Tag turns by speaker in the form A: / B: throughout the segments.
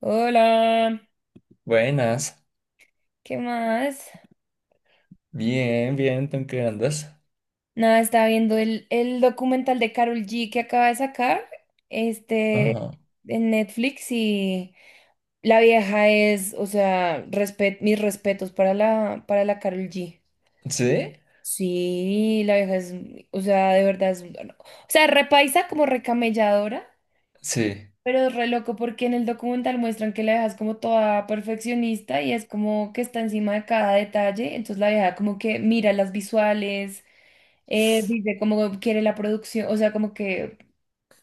A: Hola,
B: Buenas.
A: ¿qué más?
B: Bien, bien, ¿tú en qué andas?
A: Nada, estaba viendo el documental de Carol G que acaba de sacar, este,
B: Ajá.
A: en Netflix. Y la vieja es, o sea, mis respetos para para la Karol G.
B: ¿Sí?
A: Sí, la vieja es, o sea, de verdad es, o sea, repaisa como recamelladora,
B: Sí.
A: pero es re loco porque en el documental muestran que la vieja es como toda perfeccionista y es como que está encima de cada detalle. Entonces la vieja como que mira las visuales. Dice cómo quiere la producción, o sea, como que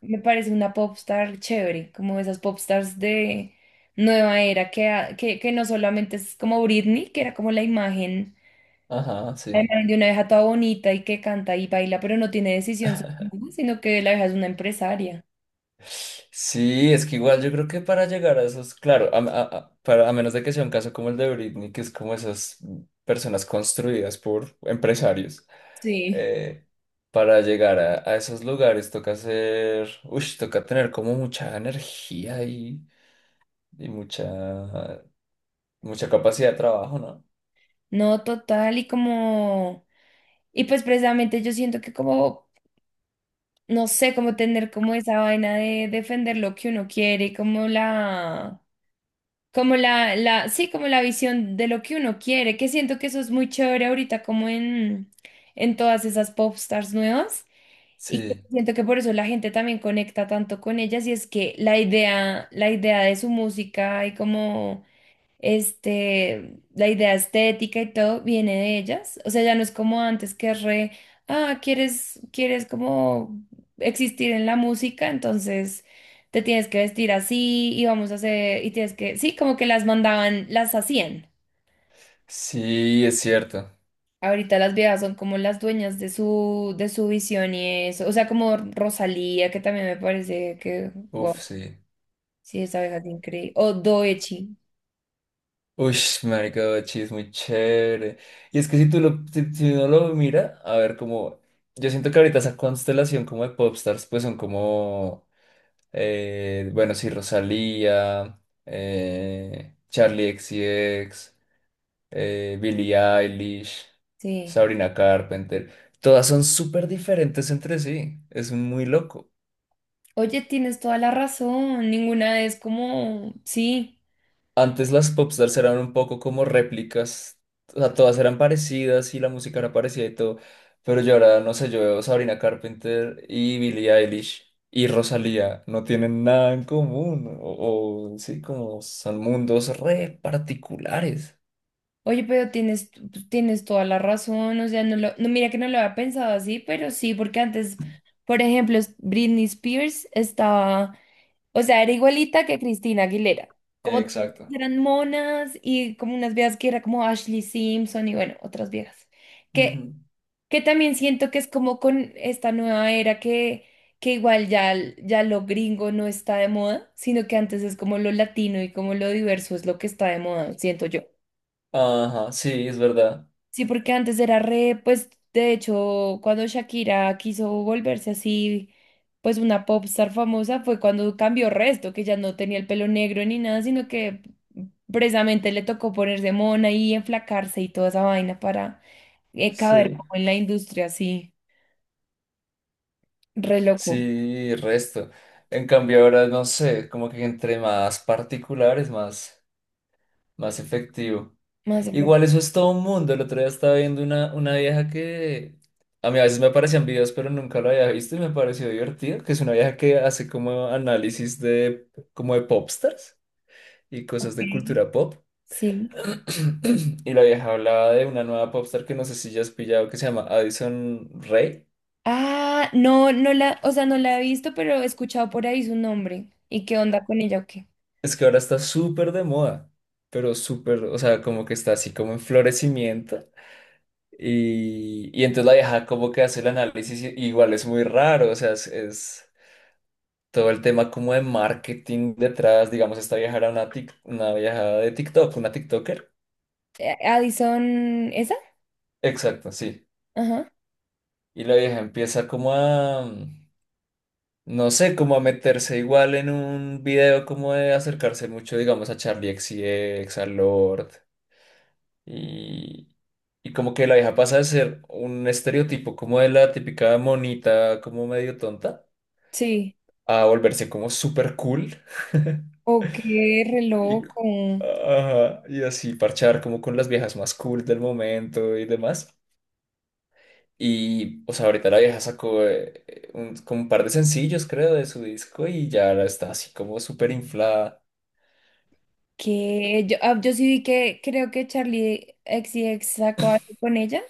A: me parece una popstar chévere, como esas popstars de nueva era, que no solamente es como Britney, que era como
B: Ajá,
A: la
B: sí.
A: imagen de una vieja toda bonita y que canta y baila, pero no tiene decisión sobre nada, sino que la vieja es una empresaria.
B: Sí, es que igual yo creo que para llegar a esos, claro, para, a menos de que sea un caso como el de Britney, que es como esas personas construidas por empresarios,
A: Sí.
B: eh, para llegar a esos lugares toca hacer, uy, toca tener como mucha energía y, y mucha, mucha capacidad de trabajo, ¿no?
A: No, total, y como, y pues precisamente yo siento que como, no sé, como tener como esa vaina de defender lo que uno quiere, como la... Como sí, como la visión de lo que uno quiere, que siento que eso es muy chévere ahorita, como en todas esas popstars nuevas, y que
B: Sí,
A: siento que por eso la gente también conecta tanto con ellas. Y es que la idea de su música y como este, la idea estética y todo viene de ellas. O sea, ya no es como antes que re, ah, quieres como existir en la música, entonces te tienes que vestir así y vamos a hacer, y tienes que, sí, como que las mandaban, las hacían.
B: sí, es cierto.
A: Ahorita las viejas son como las dueñas de de su visión y eso. O sea, como Rosalía, que también me parece que,
B: Uf,
A: wow,
B: sí.
A: sí, esa vieja es increíble. O Doechi,
B: Uy, marica, Bachi es muy chévere. Y es que si uno lo mira, a ver, como, yo siento que ahorita esa constelación como de popstars, pues son como, bueno, sí, Rosalía, Charlie XCX, Billie Eilish,
A: sí.
B: Sabrina Carpenter, todas son súper diferentes entre sí, es muy loco.
A: Oye, tienes toda la razón, ninguna es como, sí,
B: Antes las popstars eran un poco como réplicas, o sea, todas eran parecidas y la música era parecida y todo, pero yo ahora, no sé, yo veo Sabrina Carpenter y Billie Eilish y Rosalía, no tienen nada en común, o sí, como son mundos re particulares.
A: oye, pero tienes, tienes toda la razón, o sea, no, mira que no lo había pensado así, pero sí, porque antes, por ejemplo, Britney Spears estaba, o sea, era igualita que Cristina Aguilera, como todas
B: Exacto.
A: eran monas y como unas viejas que era como Ashley Simpson y bueno, otras viejas. que
B: Ujú.
A: Que también siento que es como con esta nueva era que igual ya, ya lo gringo no está de moda, sino que antes es como lo latino y como lo diverso es lo que está de moda, siento yo.
B: Ajá, sí, es verdad.
A: Sí, porque antes era re, pues de hecho, cuando Shakira quiso volverse así, pues una popstar famosa, fue cuando cambió resto, que ya no tenía el pelo negro ni nada, sino que precisamente le tocó ponerse mona y enflacarse y toda esa vaina para caber
B: Sí,
A: como en la industria, así, re loco.
B: sí, resto. En cambio ahora, no sé, como que entre más particulares, más efectivo.
A: Más efecto.
B: Igual eso es todo un mundo. El otro día estaba viendo una vieja que a mí a veces me aparecían videos, pero nunca lo había visto y me pareció divertido, que es una vieja que hace como análisis de como de popstars y
A: Ok,
B: cosas de cultura pop.
A: sí.
B: Y la vieja hablaba de una nueva popstar que no sé si ya has pillado que se llama Addison Rae.
A: Ah, no, no la, o sea, no la he visto, pero he escuchado por ahí su nombre. ¿Y qué onda con ella o qué?
B: Es que ahora está súper de moda, pero súper, o sea, como que está así como en florecimiento. Y entonces la vieja como que hace el análisis, y- igual es muy raro, o sea, todo el tema como de marketing detrás, digamos, esta vieja era una, una vieja de TikTok, una TikToker.
A: Addison, ¿esa?
B: Exacto, sí.
A: Ajá.
B: Y la vieja empieza como a, no sé, como a meterse igual en un video como de acercarse mucho, digamos, a Charlie XCX, a Lord. Y, y como que la vieja pasa de ser un estereotipo como de la típica monita, como medio tonta,
A: Sí.
B: a volverse como súper cool.
A: Ok, re
B: Y,
A: loco.
B: ajá, y así parchar como con las viejas más cool del momento y demás. Y, o sea, ahorita la vieja sacó un, como un par de sencillos, creo, de su disco y ya ahora está así como súper inflada.
A: Que yo, ah, yo sí vi que creo que Charlie XCX sacó algo con ella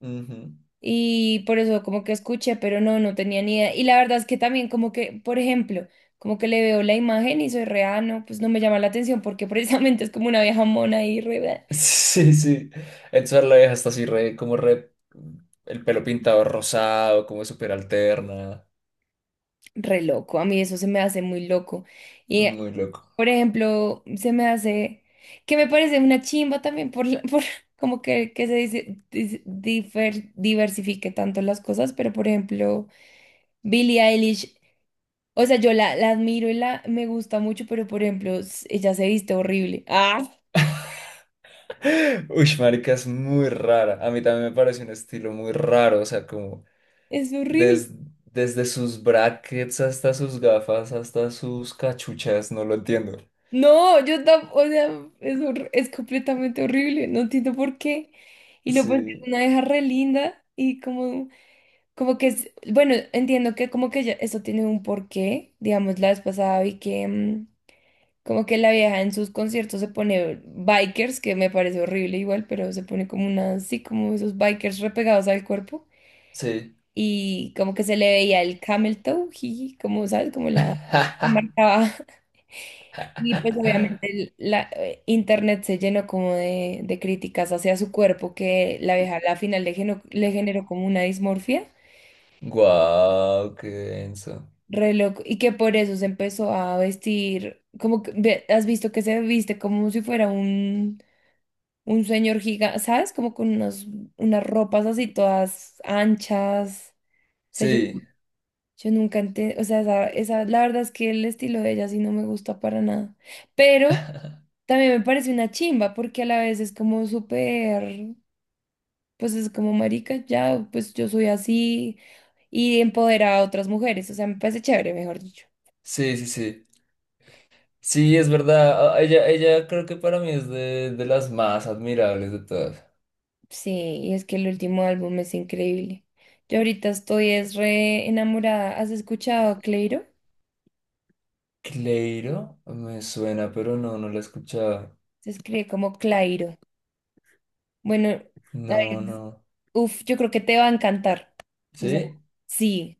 B: Ujú.
A: y por eso como que escuché, pero no, no tenía ni idea. Y la verdad es que también como que, por ejemplo, como que le veo la imagen y soy re, ah, no, pues no me llama la atención porque precisamente es como una vieja mona y re. Bleh.
B: Sí, sí. Entonces la vieja está así re, como re, el pelo pintado rosado, como súper alterna.
A: Re loco. A mí eso se me hace muy loco. Y,
B: Muy loco.
A: por ejemplo, se me hace, que me parece una chimba también por, por como que se dice, diversifique tanto las cosas, pero por ejemplo, Billie Eilish, o sea, la admiro y la me gusta mucho, pero por ejemplo, ella se viste horrible. ¡Ah!
B: Uy, marica, es muy rara. A mí también me parece un estilo muy raro, o sea, como...
A: Es horrible.
B: Des- desde sus brackets hasta sus gafas, hasta sus cachuchas, no lo entiendo.
A: No, yo tampoco, o sea, es, es completamente horrible. No entiendo por qué. Y lo pues es
B: Sí,
A: una deja re linda y como... Como que es, bueno, entiendo que como que ya eso tiene un porqué, digamos, la vez pasada vi que como que la vieja en sus conciertos se pone bikers, que me parece horrible igual, pero se pone como una, sí, como esos bikers repegados al cuerpo
B: sí.
A: y como que se le veía el camel toe, jiji, como, ¿sabes? Como la la
B: ¡Ja!
A: marcaba. Y pues obviamente la internet se llenó como de críticas hacia su cuerpo, que la vieja a la final le, le generó como una dismorfia.
B: Guau, qué denso.
A: Re loco. Y que por eso se empezó a vestir, como que, has visto que se viste como si fuera un señor gigante, ¿sabes? Como con unas, unas ropas así todas anchas. O sea, yo,
B: Sí,
A: yo nunca entendí, o sea, la verdad es que el estilo de ella sí no me gusta para nada. Pero también me parece una chimba porque a la vez es como súper, pues es como marica, ya, pues yo soy así y empodera a otras mujeres. O sea, me parece chévere, mejor dicho.
B: sí, sí, sí. Sí, es verdad. Ella, ella creo que para mí es de las más admirables de todas.
A: Sí, y es que el último álbum es increíble. Yo ahorita estoy es re enamorada. ¿Has escuchado a Cleiro?
B: Cleiro, me suena, pero no, no la he escuchado.
A: Se escribe como Clairo. Bueno, a ver,
B: No, no.
A: uf, yo creo que te va a encantar. O sea,
B: ¿Sí?
A: sí,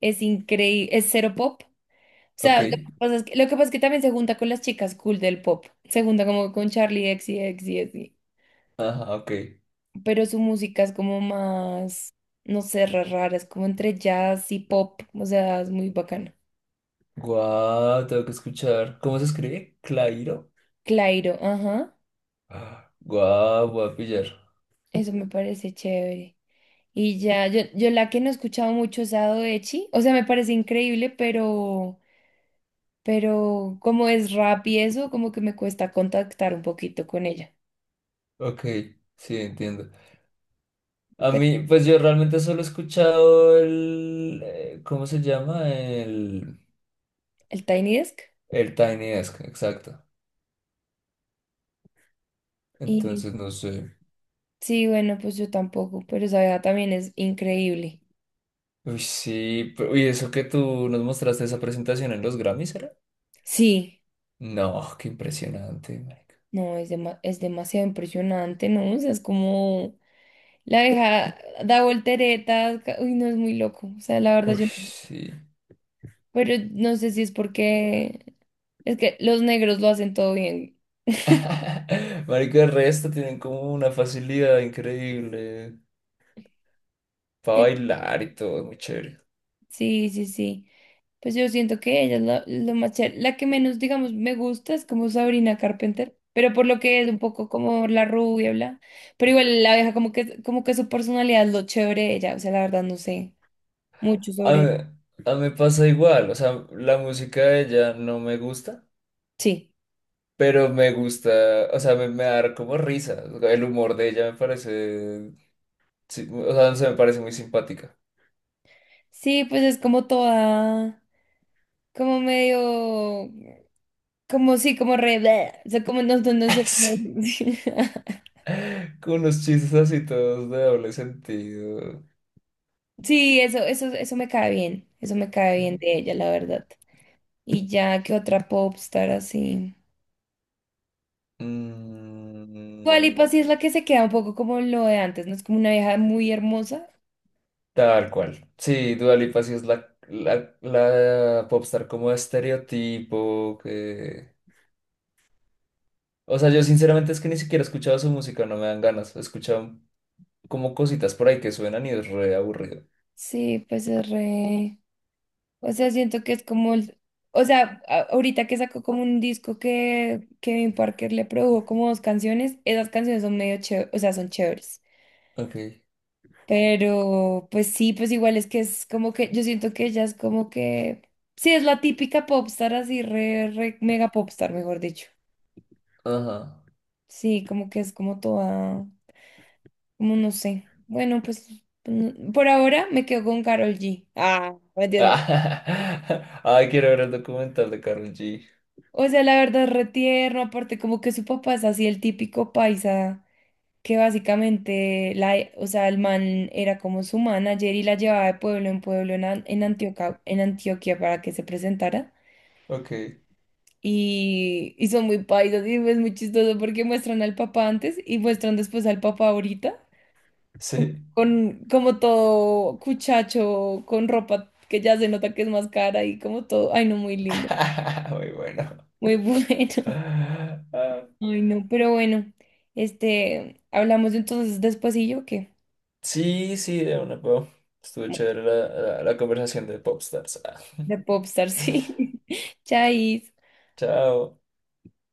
A: es increíble, es cero pop. O
B: Ok.
A: sea, lo que pasa es que también se junta con las chicas cool del pop. Se junta como con Charlie X y X y así.
B: Ajá, ok.
A: Pero su música es como más, no sé, re rara, es como entre jazz y pop. O sea, es muy bacana.
B: Guau, tengo que escuchar. ¿Cómo se escribe? Clairo.
A: Clairo, ajá.
B: Guau, voy a pillar.
A: Eso me parece chévere. Y ya, yo la que no he escuchado mucho es Sado Echi, o sea, me parece increíble, pero como es rap y eso, como que me cuesta contactar un poquito con ella.
B: Ok, sí, entiendo. A
A: Pero
B: mí, pues yo realmente solo he escuchado el, ¿cómo se llama?
A: el Tiny Desk.
B: El Tiny Desk, exacto.
A: Y
B: Entonces, no sé.
A: sí, bueno, pues yo tampoco, pero esa vieja también es increíble.
B: Uy, sí, pero- uy, eso que tú nos mostraste esa presentación en los Grammys, ¿era?
A: Sí,
B: No, qué impresionante, marica.
A: no, es, es demasiado impresionante, ¿no? O sea, es como la vieja da volteretas, uy, no, es muy loco. O sea, la verdad
B: Uy,
A: yo... No,
B: sí.
A: pero no sé si es porque es que los negros lo hacen todo bien.
B: Marica, el resto tienen como una facilidad increíble para
A: Eh,
B: bailar y todo, muy chévere.
A: Sí, sí, sí. Pues yo siento que ella es la, lo más chévere. La que menos, digamos, me gusta es como Sabrina Carpenter, pero por lo que es un poco como la rubia, bla. Pero igual la abeja como que su personalidad es lo chévere de ella, o sea, la verdad no sé mucho
B: A mí,
A: sobre.
B: a mí me pasa igual, o sea, la música de ella no me gusta,
A: Sí.
B: pero me gusta, o sea, me da como risa, o sea, el humor de ella me parece, sí, o sea, no sé, me parece muy simpática.
A: Sí, pues es como toda como medio como sí, como re, bleh, o sea, como no, no sé
B: Sí,
A: cómo.
B: con unos chistes así todos de doble sentido.
A: Sí, eso me cae bien. Eso me cae bien de ella, la verdad. Y ya que otra popstar así.
B: Mm,
A: Dualipa sí es la que se queda un poco como lo de antes, ¿no? Es como una vieja muy hermosa.
B: tal cual. Sí, Dua Lipa sí es la popstar como estereotipo que... O sea, yo sinceramente es que ni siquiera he escuchado su música, no me dan ganas. He escuchado como cositas por ahí que suenan y es re aburrido.
A: Sí, pues es re. O sea, siento que es como el. O sea, ahorita que sacó como un disco que Kevin Parker le produjo como dos canciones, esas canciones son medio chéveres, o sea, son chéveres.
B: Ok,
A: Pero pues sí, pues igual es que es como que yo siento que ella es como que sí, es la típica popstar así re, re mega popstar, mejor dicho.
B: ajá.
A: Sí, como que es como toda, como no sé. Bueno, pues mm, por ahora me quedo con Carol G. Ah, me entiendo.
B: Ay, quiero ver el documental de Karol G.
A: O sea, la verdad es re tierno, aparte como que su papá es así el típico paisa que básicamente la, e, o sea, el man era como su manager y la llevaba de pueblo en pueblo en, en Antioquia para que se presentara.
B: Ok,
A: Y, y son muy paisas y es muy chistoso porque muestran al papá antes y muestran después al papá ahorita, como,
B: sí.
A: con, como todo cuchacho, con ropa que ya se nota que es más cara y como todo, ay no, muy lindo,
B: Muy bueno.
A: muy bueno,
B: Ah,
A: ay no, pero bueno, este, hablamos entonces después y yo qué,
B: sí, sí, de una, po. Estuvo
A: bueno,
B: chévere la, conversación de Popstars. Ah,
A: de Popstar, sí, chais.
B: Chao.